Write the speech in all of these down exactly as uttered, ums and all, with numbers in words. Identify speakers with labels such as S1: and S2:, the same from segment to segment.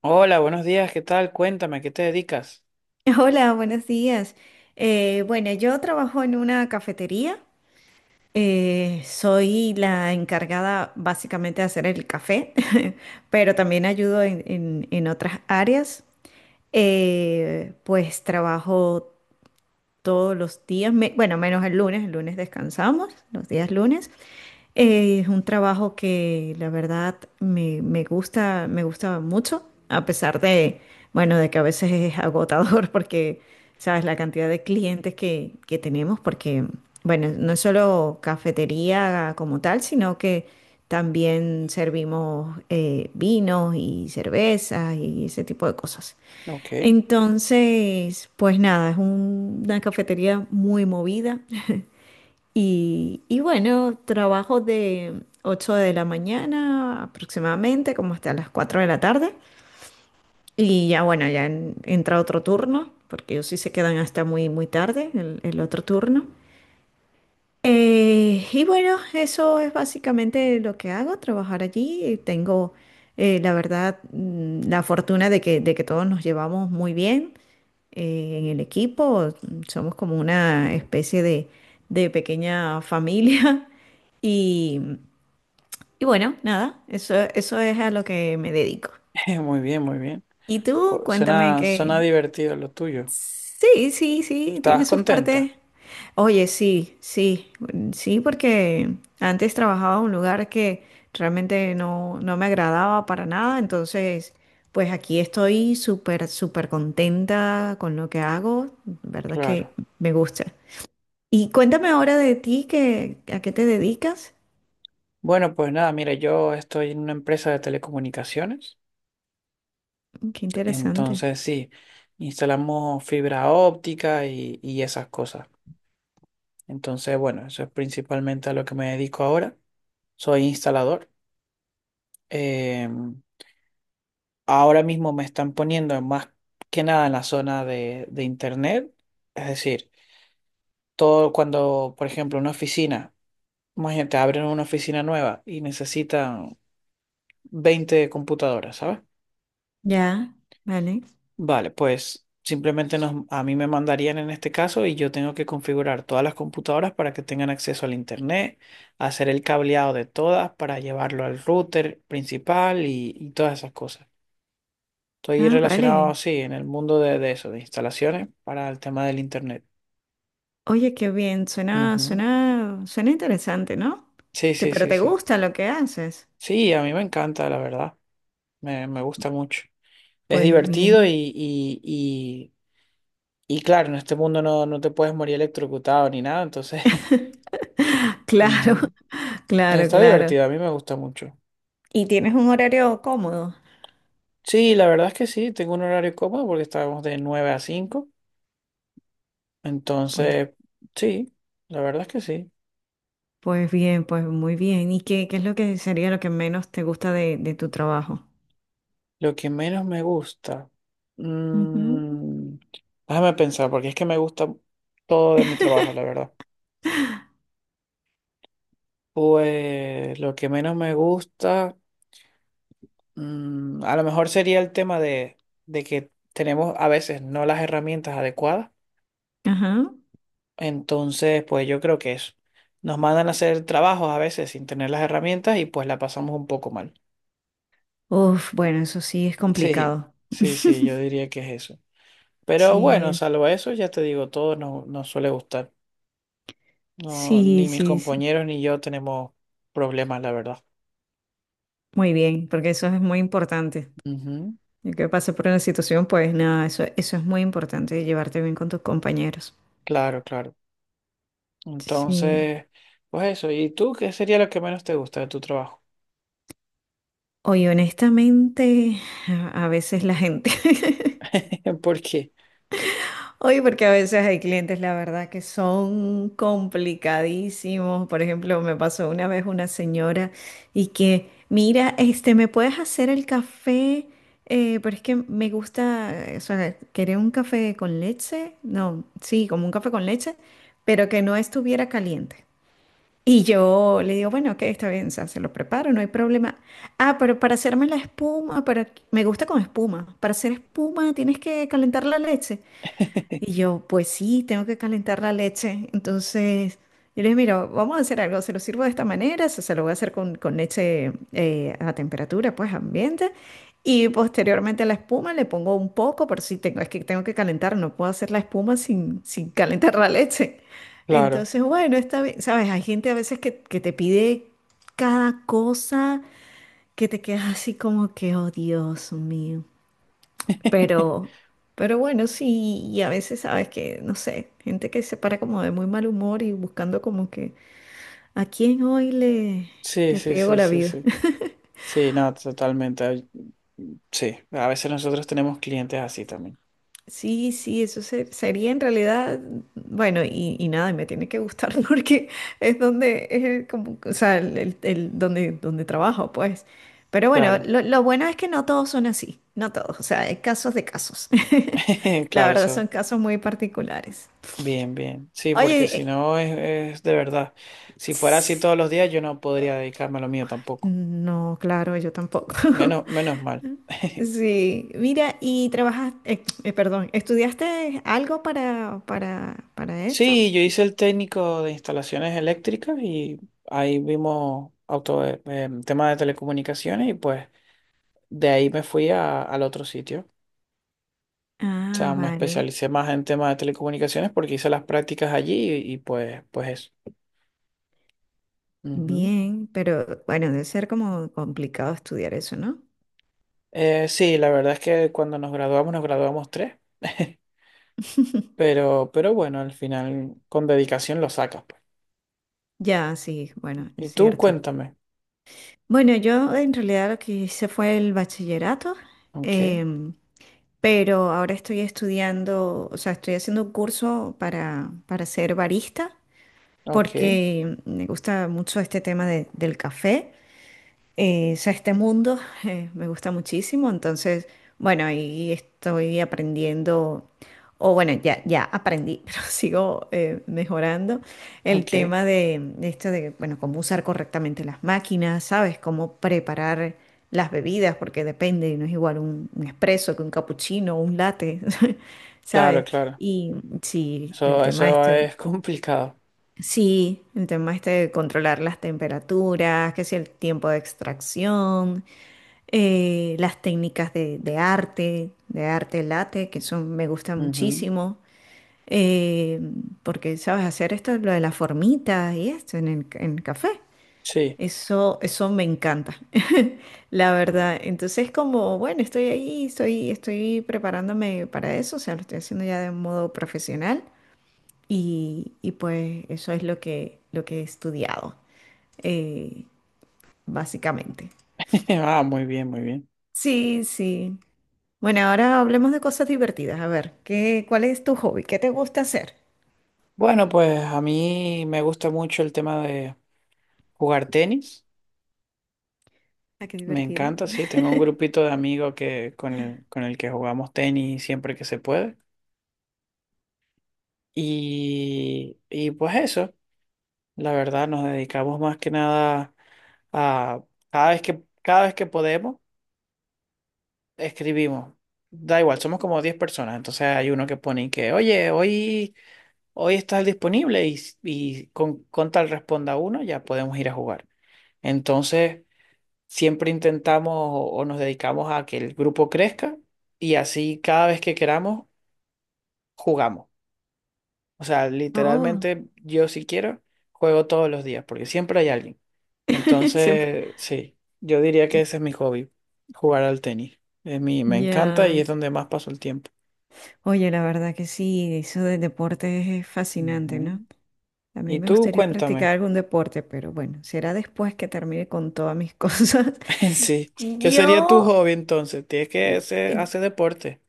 S1: Hola, buenos días, ¿qué tal? Cuéntame, ¿a qué te dedicas?
S2: Hola, buenos días. Eh, bueno, yo trabajo en una cafetería. Eh, soy la encargada básicamente de hacer el café, pero también ayudo en, en- en otras áreas. Eh, pues trabajo todos los días, me- bueno, menos el lunes, el lunes descansamos, los días lunes. Eh, es un trabajo que la verdad me, me gusta, me gusta mucho, a pesar de, bueno, de que a veces es agotador porque, sabes, la cantidad de clientes que, que tenemos, porque bueno, no es solo cafetería como tal, sino que también servimos eh, vinos y cervezas y ese tipo de cosas.
S1: Ok.
S2: Entonces, pues nada, es un- una cafetería muy movida. Y, y bueno, trabajo de ocho de la mañana aproximadamente, como hasta las cuatro de la tarde. Y ya bueno, ya en- entra otro turno, porque ellos sí se quedan hasta muy, muy tarde, el, el otro turno. Eh, y bueno, eso es básicamente lo que hago, trabajar allí. eh, Tengo, eh, la verdad, mm, la fortuna de que, de que todos nos llevamos muy bien eh, en el equipo. Somos como una especie de, de pequeña familia. Y, y bueno, nada, eso, eso es a lo que me dedico.
S1: Muy bien, muy bien.
S2: ¿Y tú?
S1: Oh,
S2: Cuéntame
S1: Suena,
S2: qué.
S1: suena divertido lo tuyo.
S2: Sí, sí, sí,
S1: ¿Estabas
S2: tiene sus
S1: contenta?
S2: partes. Oye, sí, sí, mm, sí, porque antes trabajaba en un lugar que realmente no, no me agradaba para nada, entonces, pues aquí estoy súper, súper contenta con lo que hago, verdad que
S1: Claro.
S2: me gusta. Y cuéntame ahora de ti, que, ¿a qué te dedicas?
S1: Bueno, pues nada, mira, yo estoy en una empresa de telecomunicaciones,
S2: Qué interesante.
S1: entonces sí, instalamos fibra óptica y, y esas cosas. Entonces, bueno, eso es principalmente a lo que me dedico ahora. Soy instalador. Eh, Ahora mismo me están poniendo más que nada en la zona de de internet, es decir, todo cuando, por ejemplo, una oficina, imagínate, abren una oficina nueva y necesitan veinte computadoras, ¿sabes?
S2: Ya, vale.
S1: Vale, pues simplemente nos, a mí me mandarían en este caso y yo tengo que configurar todas las computadoras para que tengan acceso al internet, hacer el cableado de todas para llevarlo al router principal y, y todas esas cosas. Estoy
S2: Ah,
S1: relacionado
S2: vale.
S1: así en el mundo de, de eso, de instalaciones para el tema del internet.
S2: Oye, qué bien, suena,
S1: Ujú.
S2: suena, suena interesante, ¿no?
S1: Sí,
S2: Te-
S1: sí,
S2: pero
S1: sí,
S2: te
S1: sí.
S2: gusta lo que haces.
S1: Sí, a mí me encanta, la verdad. Me, me gusta mucho. Es
S2: Pues
S1: divertido y,
S2: bien.
S1: y, y, y claro, en este mundo no, no te puedes morir electrocutado ni nada, entonces
S2: Claro,
S1: ujú.
S2: claro,
S1: Está
S2: claro.
S1: divertido, a mí me gusta mucho.
S2: ¿Y tienes un horario cómodo?
S1: Sí, la verdad es que sí, tengo un horario cómodo porque estábamos de nueve a cinco,
S2: Pues,
S1: entonces sí, la verdad es que sí.
S2: pues bien, pues muy bien. ¿Y qué, qué es lo que sería lo que menos te gusta de, de tu trabajo?
S1: Lo que menos me gusta,
S2: Ujú.
S1: mm, déjame pensar, porque es que me gusta todo de mi trabajo, la verdad. Pues lo que menos me gusta... Mm, a lo mejor sería el tema de, de que tenemos a veces no las herramientas adecuadas.
S2: Ajá.
S1: Entonces, pues yo creo que es, nos mandan a hacer trabajos a veces sin tener las herramientas y pues la pasamos un poco mal.
S2: Uf, bueno, eso sí es
S1: Sí,
S2: complicado.
S1: sí, sí, yo diría que es eso. Pero bueno,
S2: Sí,
S1: salvo eso, ya te digo, todo nos, nos suele gustar. No,
S2: sí,
S1: ni mis
S2: sí, sí.
S1: compañeros ni yo tenemos problemas, la verdad.
S2: Muy bien, porque eso es muy importante.
S1: Ujú.
S2: El que pase por una situación, pues nada, eso, eso es muy importante, llevarte bien con tus compañeros.
S1: Claro, claro.
S2: Sí.
S1: Entonces, pues eso. ¿Y tú qué sería lo que menos te gusta de tu trabajo?
S2: Oye, honestamente, a a veces la gente,
S1: ¿Por qué?
S2: oye, porque a veces hay clientes, la verdad, que son complicadísimos. Por ejemplo, me pasó una vez una señora y que, mira, este, ¿me puedes hacer el café? Eh, pero es que me gusta, eh, o sea, quería un café con leche, no, sí, como un café con leche, pero que no estuviera caliente. Y yo le digo, bueno, ok, está bien, o sea, se lo preparo, no hay problema. Ah, pero para hacerme la espuma, para me gusta con espuma. Para hacer espuma tienes que calentar la leche. Y yo, pues sí, tengo que calentar la leche. Entonces, yo le dije, mira, vamos a hacer algo, se lo sirvo de esta manera, se, se lo voy a hacer con, con leche eh, a temperatura, pues ambiente. Y posteriormente a la espuma le pongo un poco, pero sí tengo, es que tengo que calentar, no puedo hacer la espuma sin, sin calentar la leche.
S1: Claro.
S2: Entonces, bueno, está bien, ¿sabes? Hay gente a veces que, que te pide cada cosa que te quedas así como que, oh Dios mío. Pero, pero bueno, sí, y a veces sabes que, no sé, gente que se para como de muy mal humor y buscando como que a quién hoy le,
S1: Sí,
S2: le
S1: sí,
S2: friego
S1: sí,
S2: la
S1: sí,
S2: vida.
S1: sí. Sí, no, totalmente. Ay, sí, a veces nosotros tenemos clientes así también.
S2: Sí, sí, eso se- sería en realidad, bueno, y, y nada, y me tiene que gustar porque es donde, es el como, o sea, el, el- el- donde, donde trabajo, pues. Pero bueno,
S1: Claro,
S2: lo, lo bueno es que no todos son así, no todos, o sea, hay casos de casos. La
S1: claro,
S2: verdad
S1: eso.
S2: son casos muy particulares.
S1: Bien, bien. Sí, porque si
S2: Oye,
S1: no es, es de verdad. Si fuera así todos los días, yo no podría dedicarme a lo mío tampoco.
S2: no, claro, yo tampoco.
S1: Menos, menos mal.
S2: Sí, mira, y trabajas, eh, eh, perdón, ¿estudiaste algo para, para, para esto?
S1: Sí, yo hice el técnico de instalaciones eléctricas y ahí vimos auto, eh, em, tema de telecomunicaciones y pues de ahí me fui a- al otro sitio. O sea,
S2: Ah,
S1: me
S2: vale.
S1: especialicé más en temas de telecomunicaciones porque hice las prácticas allí y, y pues, pues eso. Ujú.
S2: Bien, pero bueno, debe ser como complicado estudiar eso, ¿no?
S1: Eh, sí, la verdad es que cuando nos graduamos, nos graduamos tres. Pero, pero bueno, al final con dedicación lo sacas, pues.
S2: Ya, sí, bueno,
S1: Y
S2: es
S1: tú
S2: cierto.
S1: cuéntame.
S2: Bueno, yo en realidad lo que hice fue el bachillerato,
S1: Ok,
S2: em, pero ahora estoy estudiando, o sea, estoy haciendo un curso para, para ser barista.
S1: ok,
S2: Porque me gusta mucho este tema de- del café, eh, o sea, este mundo eh, me gusta muchísimo, entonces, bueno, ahí estoy aprendiendo, o bueno, ya, ya aprendí, pero sigo eh, mejorando el
S1: ok.
S2: tema de, de esto de, bueno, cómo usar correctamente las máquinas, ¿sabes? Cómo preparar las bebidas, porque depende, no es igual un, un espresso que un capuchino o un latte,
S1: Claro,
S2: ¿sabes?
S1: claro.
S2: Y sí, el
S1: Eso,
S2: tema de
S1: eso
S2: esto.
S1: es complicado.
S2: Sí, el tema este de controlar las temperaturas, que si el tiempo de extracción, eh, las técnicas de, de arte, de arte late, que son, me gusta
S1: Ujú.
S2: muchísimo, eh, porque sabes hacer esto, lo de la formita y esto en el, en el café.
S1: Sí.
S2: Eso, eso me encanta, la verdad. Entonces, como, bueno, estoy ahí, estoy, estoy preparándome para eso, o sea, lo estoy haciendo ya de modo profesional. Y, y pues eso es lo que, lo que he estudiado, eh, básicamente.
S1: Ah, muy bien, muy bien.
S2: Sí, sí. Bueno, ahora hablemos de cosas divertidas. A ver, ¿qué, cuál es tu hobby? ¿Qué te gusta hacer?
S1: Bueno, pues a mí me gusta mucho el tema de jugar tenis.
S2: Ah, qué
S1: Me
S2: divertido.
S1: encanta, sí. Tengo un grupito de amigos que, con el, con el que jugamos tenis siempre que se puede. Y, y pues eso, la verdad, nos dedicamos más que nada a cada vez que, cada vez que podemos, escribimos. Da igual, somos como diez personas. Entonces hay uno que pone y que, oye, hoy, hoy estás disponible y, y con, con tal responda uno, ya podemos ir a jugar. Entonces, siempre intentamos o, o nos dedicamos a que el grupo crezca y así cada vez que queramos, jugamos. O sea,
S2: Oh,
S1: literalmente yo si quiero, juego todos los días porque siempre hay alguien.
S2: siempre.
S1: Entonces, sí, yo diría que ese es mi hobby, jugar al tenis. Es mi, me encanta y
S2: Ya.
S1: es donde más paso el tiempo.
S2: Oye, la verdad que sí, eso del deporte es fascinante, ¿no?
S1: Ujú.
S2: A mí
S1: Y
S2: me
S1: tú,
S2: gustaría practicar
S1: cuéntame,
S2: algún deporte, pero bueno, será después que termine con todas mis cosas.
S1: sí, ¿qué sería tu
S2: Yo
S1: hobby entonces? Tienes que hacer, hacer deporte.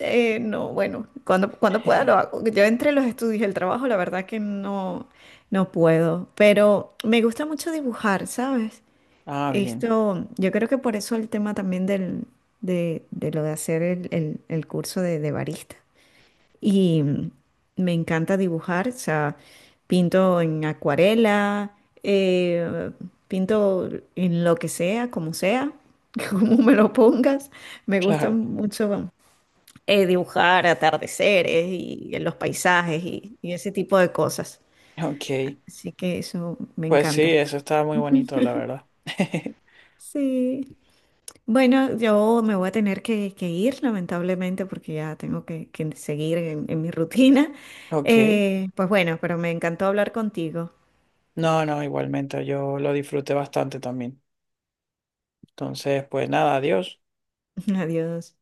S2: Eh, no, bueno, cuando, cuando pueda lo hago. Yo entre los estudios y el trabajo, la verdad que no, no puedo, pero me gusta mucho dibujar, ¿sabes?
S1: Ah, bien,
S2: Esto, yo creo que por eso el tema también del, de, de lo de hacer el, el- el curso de, de barista. Y mm, me encanta dibujar, o sea, pinto en acuarela, eh, pinto en lo que sea, como sea, como me lo pongas. Me gusta
S1: claro,
S2: mucho eh, dibujar atardeceres y los paisajes y, y ese tipo de cosas.
S1: ok.
S2: Así que eso me
S1: Pues sí,
S2: encanta.
S1: eso estaba muy bonito, la verdad.
S2: Sí. Bueno, yo me voy a tener que, que ir, lamentablemente, porque ya tengo que, que seguir en, en mi rutina.
S1: Ok.
S2: Eh, pues bueno, pero me encantó hablar contigo.
S1: No, no, igualmente, yo lo disfruté bastante también. Entonces, pues nada, adiós.
S2: Adiós.